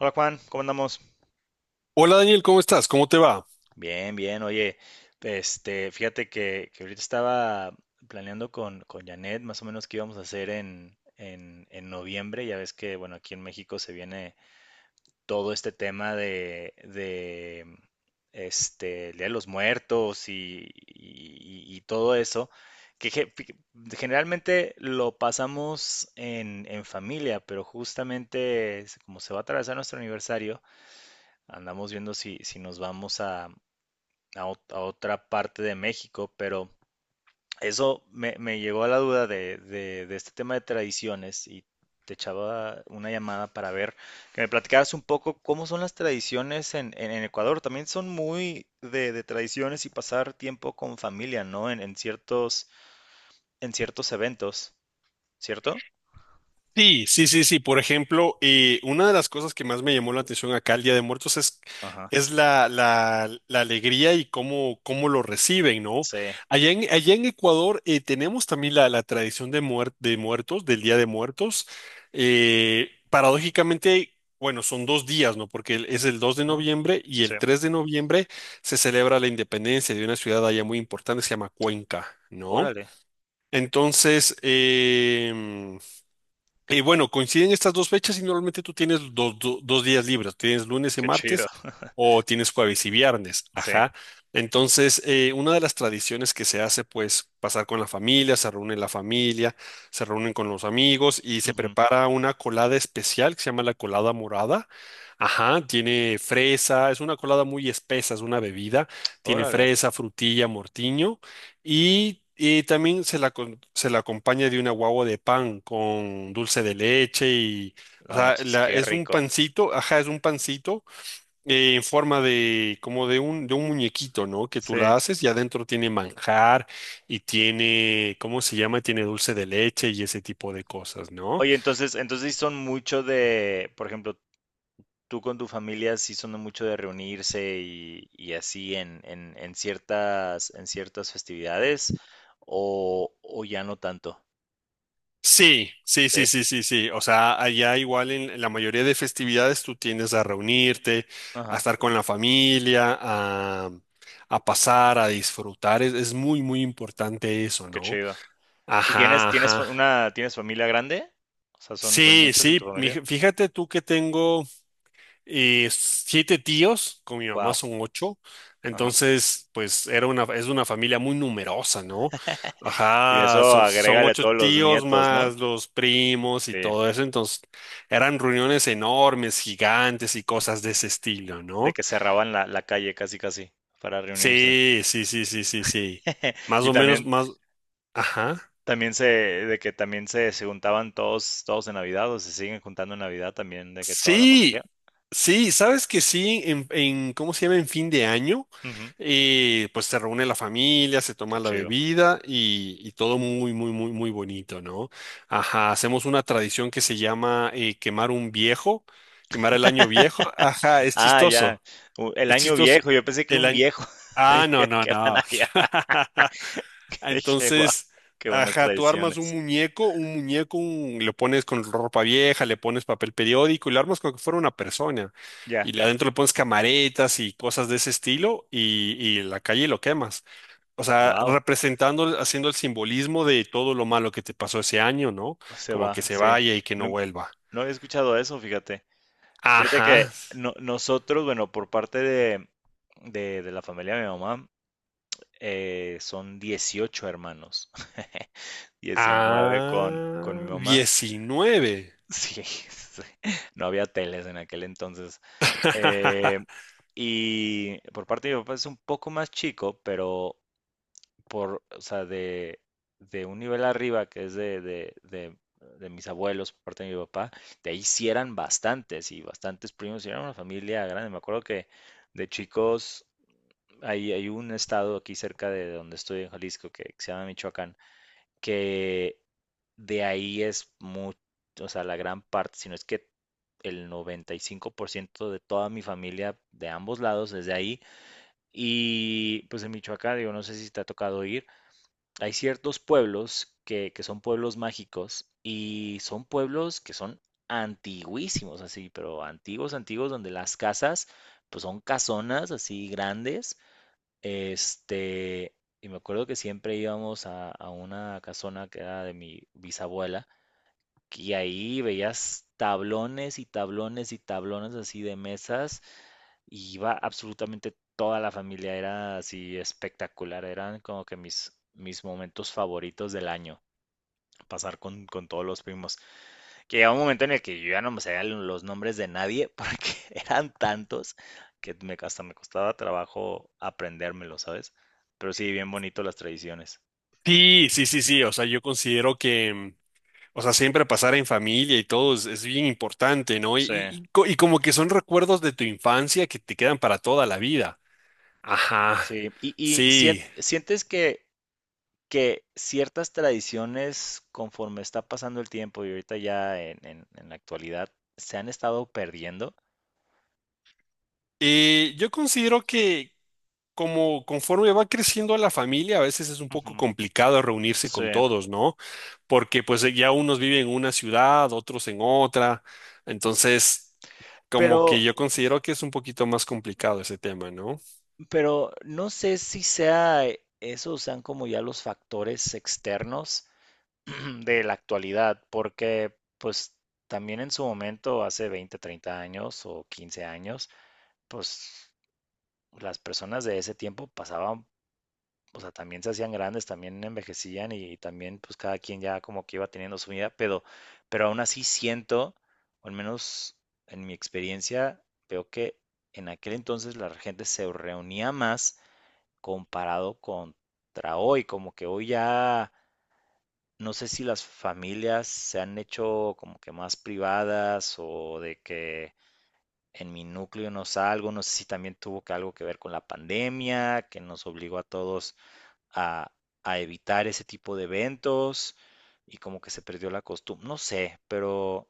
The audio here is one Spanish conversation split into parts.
Hola Juan, ¿cómo andamos? Hola Daniel, ¿cómo estás? ¿Cómo te va? Bien, bien, oye, fíjate que ahorita estaba planeando con Janet más o menos qué íbamos a hacer en noviembre, ya ves que, bueno, aquí en México se viene todo este tema de el Día de los Muertos y todo eso, que ge- fi- generalmente lo pasamos en familia, pero justamente es como se va a atravesar nuestro aniversario. Andamos viendo si nos vamos a, a otra parte de México, pero eso me llegó a la duda de este tema de tradiciones, y te echaba una llamada para ver que me platicaras un poco cómo son las tradiciones en Ecuador. También son muy de tradiciones y pasar tiempo con familia, ¿no? En ciertos eventos, ¿cierto? Sí, sí, sí, sí. Por ejemplo, una de las cosas que más me llamó la atención acá el Día de Muertos es, Ajá, es la alegría y cómo lo reciben, ¿no? sí. Allá en Ecuador tenemos también la tradición de muertos, del Día de Muertos. Paradójicamente, bueno, son 2 días, ¿no? Porque es el dos de Mm, noviembre y sí. el 3 de noviembre se celebra la independencia de una ciudad allá muy importante, se llama Cuenca, ¿no? Órale, Entonces, y bueno, coinciden estas dos fechas y normalmente tú tienes dos días libres, tienes lunes y qué chido. martes o tienes jueves y viernes, Sí. ajá. Entonces, una de las tradiciones que se hace, pues, pasar con la familia, se reúne la familia, se reúnen con los amigos y se Ujú. prepara una colada especial que se llama la colada morada. Ajá, tiene fresa, es una colada muy espesa, es una bebida, tiene Órale, fresa, frutilla, mortiño. Y también se la acompaña de una guagua de pan con dulce de leche y, o no sea, manches, qué es un rico. pancito, ajá, es un pancito en forma de, como de un muñequito, ¿no? Que tú Sí. la haces y adentro tiene manjar y tiene, ¿cómo se llama? Tiene dulce de leche y ese tipo de cosas, ¿no? Oye, entonces, entonces sí son mucho de, por ejemplo, tú con tu familia sí son de mucho de reunirse y así en ciertas festividades, o ya no tanto. Sí, sí, ¿Sí? sí, sí, sí, sí. O sea, allá igual en la mayoría de festividades tú tiendes a reunirte, a Ajá, estar con la familia, a pasar, a disfrutar. Es muy, muy importante eso, qué ¿no? chido. ¿Y tienes, Ajá, tienes fa- ajá. una, tienes familia grande? O sea, son, son Sí, muchos en tu sí. Familia. Fíjate tú que tengo. Y siete tíos, con mi mamá Wow. son ocho. Ajá. Entonces, pues es una familia muy numerosa, ¿no? Y de Ajá, eso son agrégale a ocho todos los tíos nietos, ¿no? más los primos y Sí. todo eso. Entonces, eran reuniones enormes, gigantes y cosas de ese estilo, De ¿no? que cerraban la calle casi casi para reunirse. Sí, sí, sí, sí, sí, sí. Más Y o también. menos, más, ajá. También se, de que también se juntaban todos, todos en Navidad, o se siguen juntando en Navidad también, de que toda la familia. Sí, sí, sabes que sí, ¿cómo se llama? En fin de año, Ujú, pues se reúne la familia, se qué toma la chido. bebida y todo muy, muy, muy, muy bonito, ¿no? Ajá, hacemos una tradición que se llama quemar un viejo, quemar el año viejo. Ajá, es Ah, ya. chistoso, El es año chistoso. viejo, yo pensé que El un año... viejo. Ah, no, Dije, no, ¿qué van no. allá? Ah, Dije, wow, entonces, qué buenas ajá, tú armas un tradiciones. muñeco, un muñeco, un- le pones con ropa vieja, le pones papel periódico y lo armas como que fuera una persona. Ya, Y adentro le pones camaretas y cosas de ese estilo y en la calle lo quemas. O sea, wow, representando, haciendo el simbolismo de todo lo malo que te pasó ese año, ¿no? se Como que va, se sí. vaya y que no No, vuelva. no había escuchado eso, fíjate. Fíjate que Ajá. Nosotros, bueno, por parte de, de la familia de mi mamá, son 18 hermanos. 19 con mi Ah, mamá. 19. Sí, sí, no había teles en aquel entonces. Eh, y por parte de mi papá es un poco más chico, pero por, o sea, de un nivel arriba, que es de mis abuelos, por parte de mi papá, de ahí sí eran bastantes y bastantes primos, y era una familia grande. Me acuerdo que de chicos, hay un estado aquí cerca de donde estoy en Jalisco que se llama Michoacán, que de ahí es mucho, o sea, la gran parte, sino es que el 95% de toda mi familia de ambos lados desde ahí. Y pues en Michoacán, digo, no sé si te ha tocado ir, hay ciertos pueblos que son pueblos mágicos y son pueblos que son antiguísimos, así, pero antiguos, antiguos, donde las casas pues son casonas así grandes, este, y me acuerdo que siempre íbamos a una casona que era de mi bisabuela, y ahí veías tablones y tablones y tablones así de mesas, y iba absolutamente toda la familia, era así espectacular, eran como que mis momentos favoritos del año, pasar con todos los primos, que llegaba un momento en el que yo ya no me sabía los nombres de nadie porque eran tantos que me, hasta me costaba trabajo aprendérmelo, ¿sabes? Pero sí, bien bonito las tradiciones. Sí, sí, sí, sí. O sea, yo considero que, o sea, siempre pasar en familia y todo es bien importante, ¿no? Y, Sí, y- y co- y como que son recuerdos de tu infancia que te quedan para toda la vida. Ajá, sí. Y sí. sientes que ciertas tradiciones, conforme está pasando el tiempo y ahorita ya en la actualidad, se han estado perdiendo? Yo considero que como conforme va creciendo la familia, a veces es un poco Ujú. complicado reunirse Sí. con todos, ¿no? Porque pues ya unos viven en una ciudad, otros en otra. Entonces, como Pero, que yo considero que es un poquito más complicado ese tema, ¿no? pero no sé si sea esos sean como ya los factores externos de la actualidad, porque pues también en su momento, hace 20, 30 años o 15 años, pues las personas de ese tiempo pasaban, o sea, también se hacían grandes, también envejecían y también pues cada quien ya como que iba teniendo su vida, pero aún así siento, o al menos en mi experiencia, veo que en aquel entonces la gente se reunía más comparado contra hoy, como que hoy ya no sé si las familias se han hecho como que más privadas o de que en mi núcleo no salgo, no sé si también tuvo que algo que ver con la pandemia, que nos obligó a todos a, a evitar ese tipo de eventos y como que se perdió la costumbre, no sé,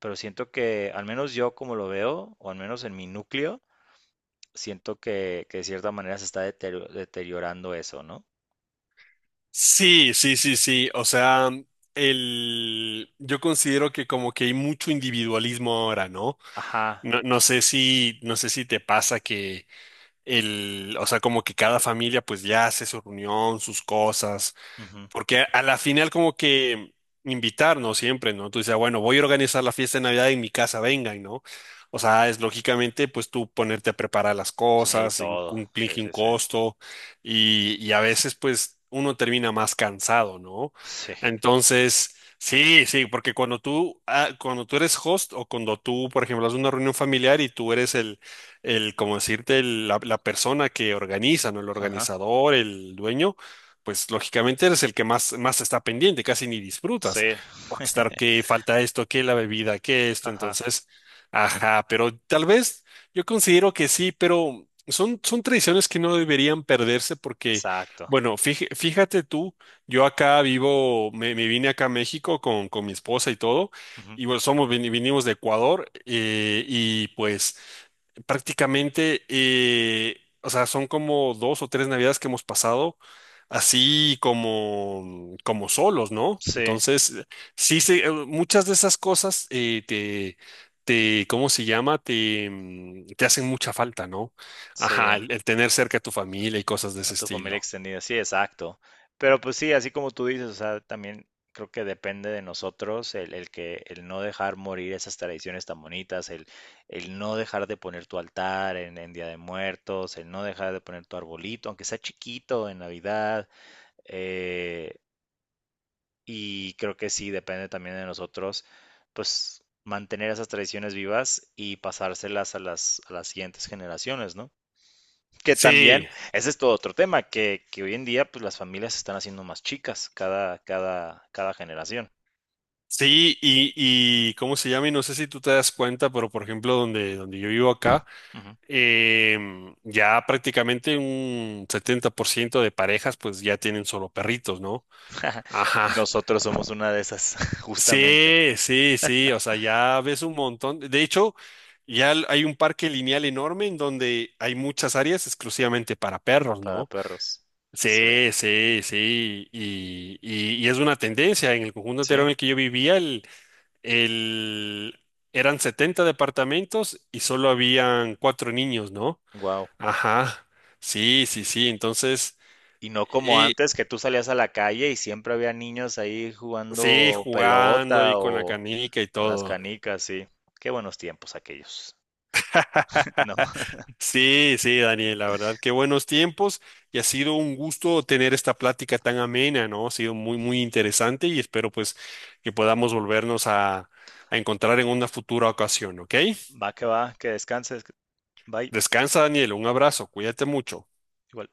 pero siento que al menos yo como lo veo, o al menos en mi núcleo, siento que de cierta manera se está deteriorando eso, ¿no? Sí, sí, sí, sí. O sea, yo considero que como que hay mucho individualismo ahora, ¿no? Ajá. No, no sé si te pasa que o sea, como que cada familia pues ya hace su reunión, sus cosas, Ujú. porque a la final como que invitarnos siempre, ¿no? Tú dices, "Ah, bueno, voy a organizar la fiesta de Navidad en mi casa, vengan, ¿no?" O sea, es lógicamente pues tú ponerte a preparar las Sí, cosas, todo. Sí, implica un sí, sí. costo y a veces pues uno termina más cansado, ¿no? Sí. Entonces, sí, sí, porque cuando tú eres host o cuando tú, por ejemplo, haces una reunión familiar y tú eres como decirte, la persona que organiza, ¿no? El Ajá. organizador, el dueño pues lógicamente eres el que más está pendiente, casi ni disfrutas, Sí. porque estar que falta esto, que la bebida, que esto, Ajá. entonces, ajá, pero tal vez yo considero que sí, pero son tradiciones que no deberían perderse porque, Exacto. bueno, fíjate tú, yo acá vivo, me vine acá a México con mi esposa y todo, Ujú. y bueno, vinimos de Ecuador, y pues... Prácticamente, o sea, son como dos o tres navidades que hemos pasado así como solos, ¿no? Sí, Entonces, sí, muchas de esas cosas ¿cómo se llama? Te hacen mucha falta, ¿no? sí. Ajá, el tener cerca a tu familia y cosas de ese A tu familia estilo. extendida. Sí, exacto. Pero pues sí, así como tú dices, o sea, también creo que depende de nosotros el que el no dejar morir esas tradiciones tan bonitas, el no dejar de poner tu altar en Día de Muertos, el no dejar de poner tu arbolito, aunque sea chiquito en Navidad. eh, Y creo que sí, depende también de nosotros, pues mantener esas tradiciones vivas y pasárselas a a las siguientes generaciones, ¿no? Que también, Sí, ese es todo otro tema, que hoy en día pues las familias se están haciendo más chicas cada generación. sí, y ¿cómo se llama? Y no sé si tú te das cuenta, pero por ejemplo, donde yo vivo acá, Ujú. Ya prácticamente un 70% de parejas pues ya tienen solo perritos, ¿no? Ajá. Nosotros somos una de esas, justamente, Sí, sí, sí, o sea, ya ves un montón. De hecho, hay un parque lineal enorme en donde hay muchas áreas exclusivamente para perros, para ¿no? perros. Sí. Sí, sí, sí, y es una tendencia. En el conjunto entero Sí, en el que yo vivía, el, eran 70 departamentos y solo habían cuatro niños, ¿no? wow. Ajá, sí, sí, sí, entonces, Y no como y, antes, que tú salías a la calle y siempre había niños ahí sí, jugando jugando y pelota con la o, canica y con las todo. canicas, sí. Qué buenos tiempos aquellos. No, Sí, sí, Daniel, la verdad, qué buenos tiempos y ha sido un gusto tener esta plática tan amena, ¿no? Ha sido muy, muy interesante y espero pues que podamos volvernos a, encontrar en una futura ocasión, ¿ok? Va, que descanses. Bye. Descansa, Daniel, un abrazo, cuídate mucho. Igual.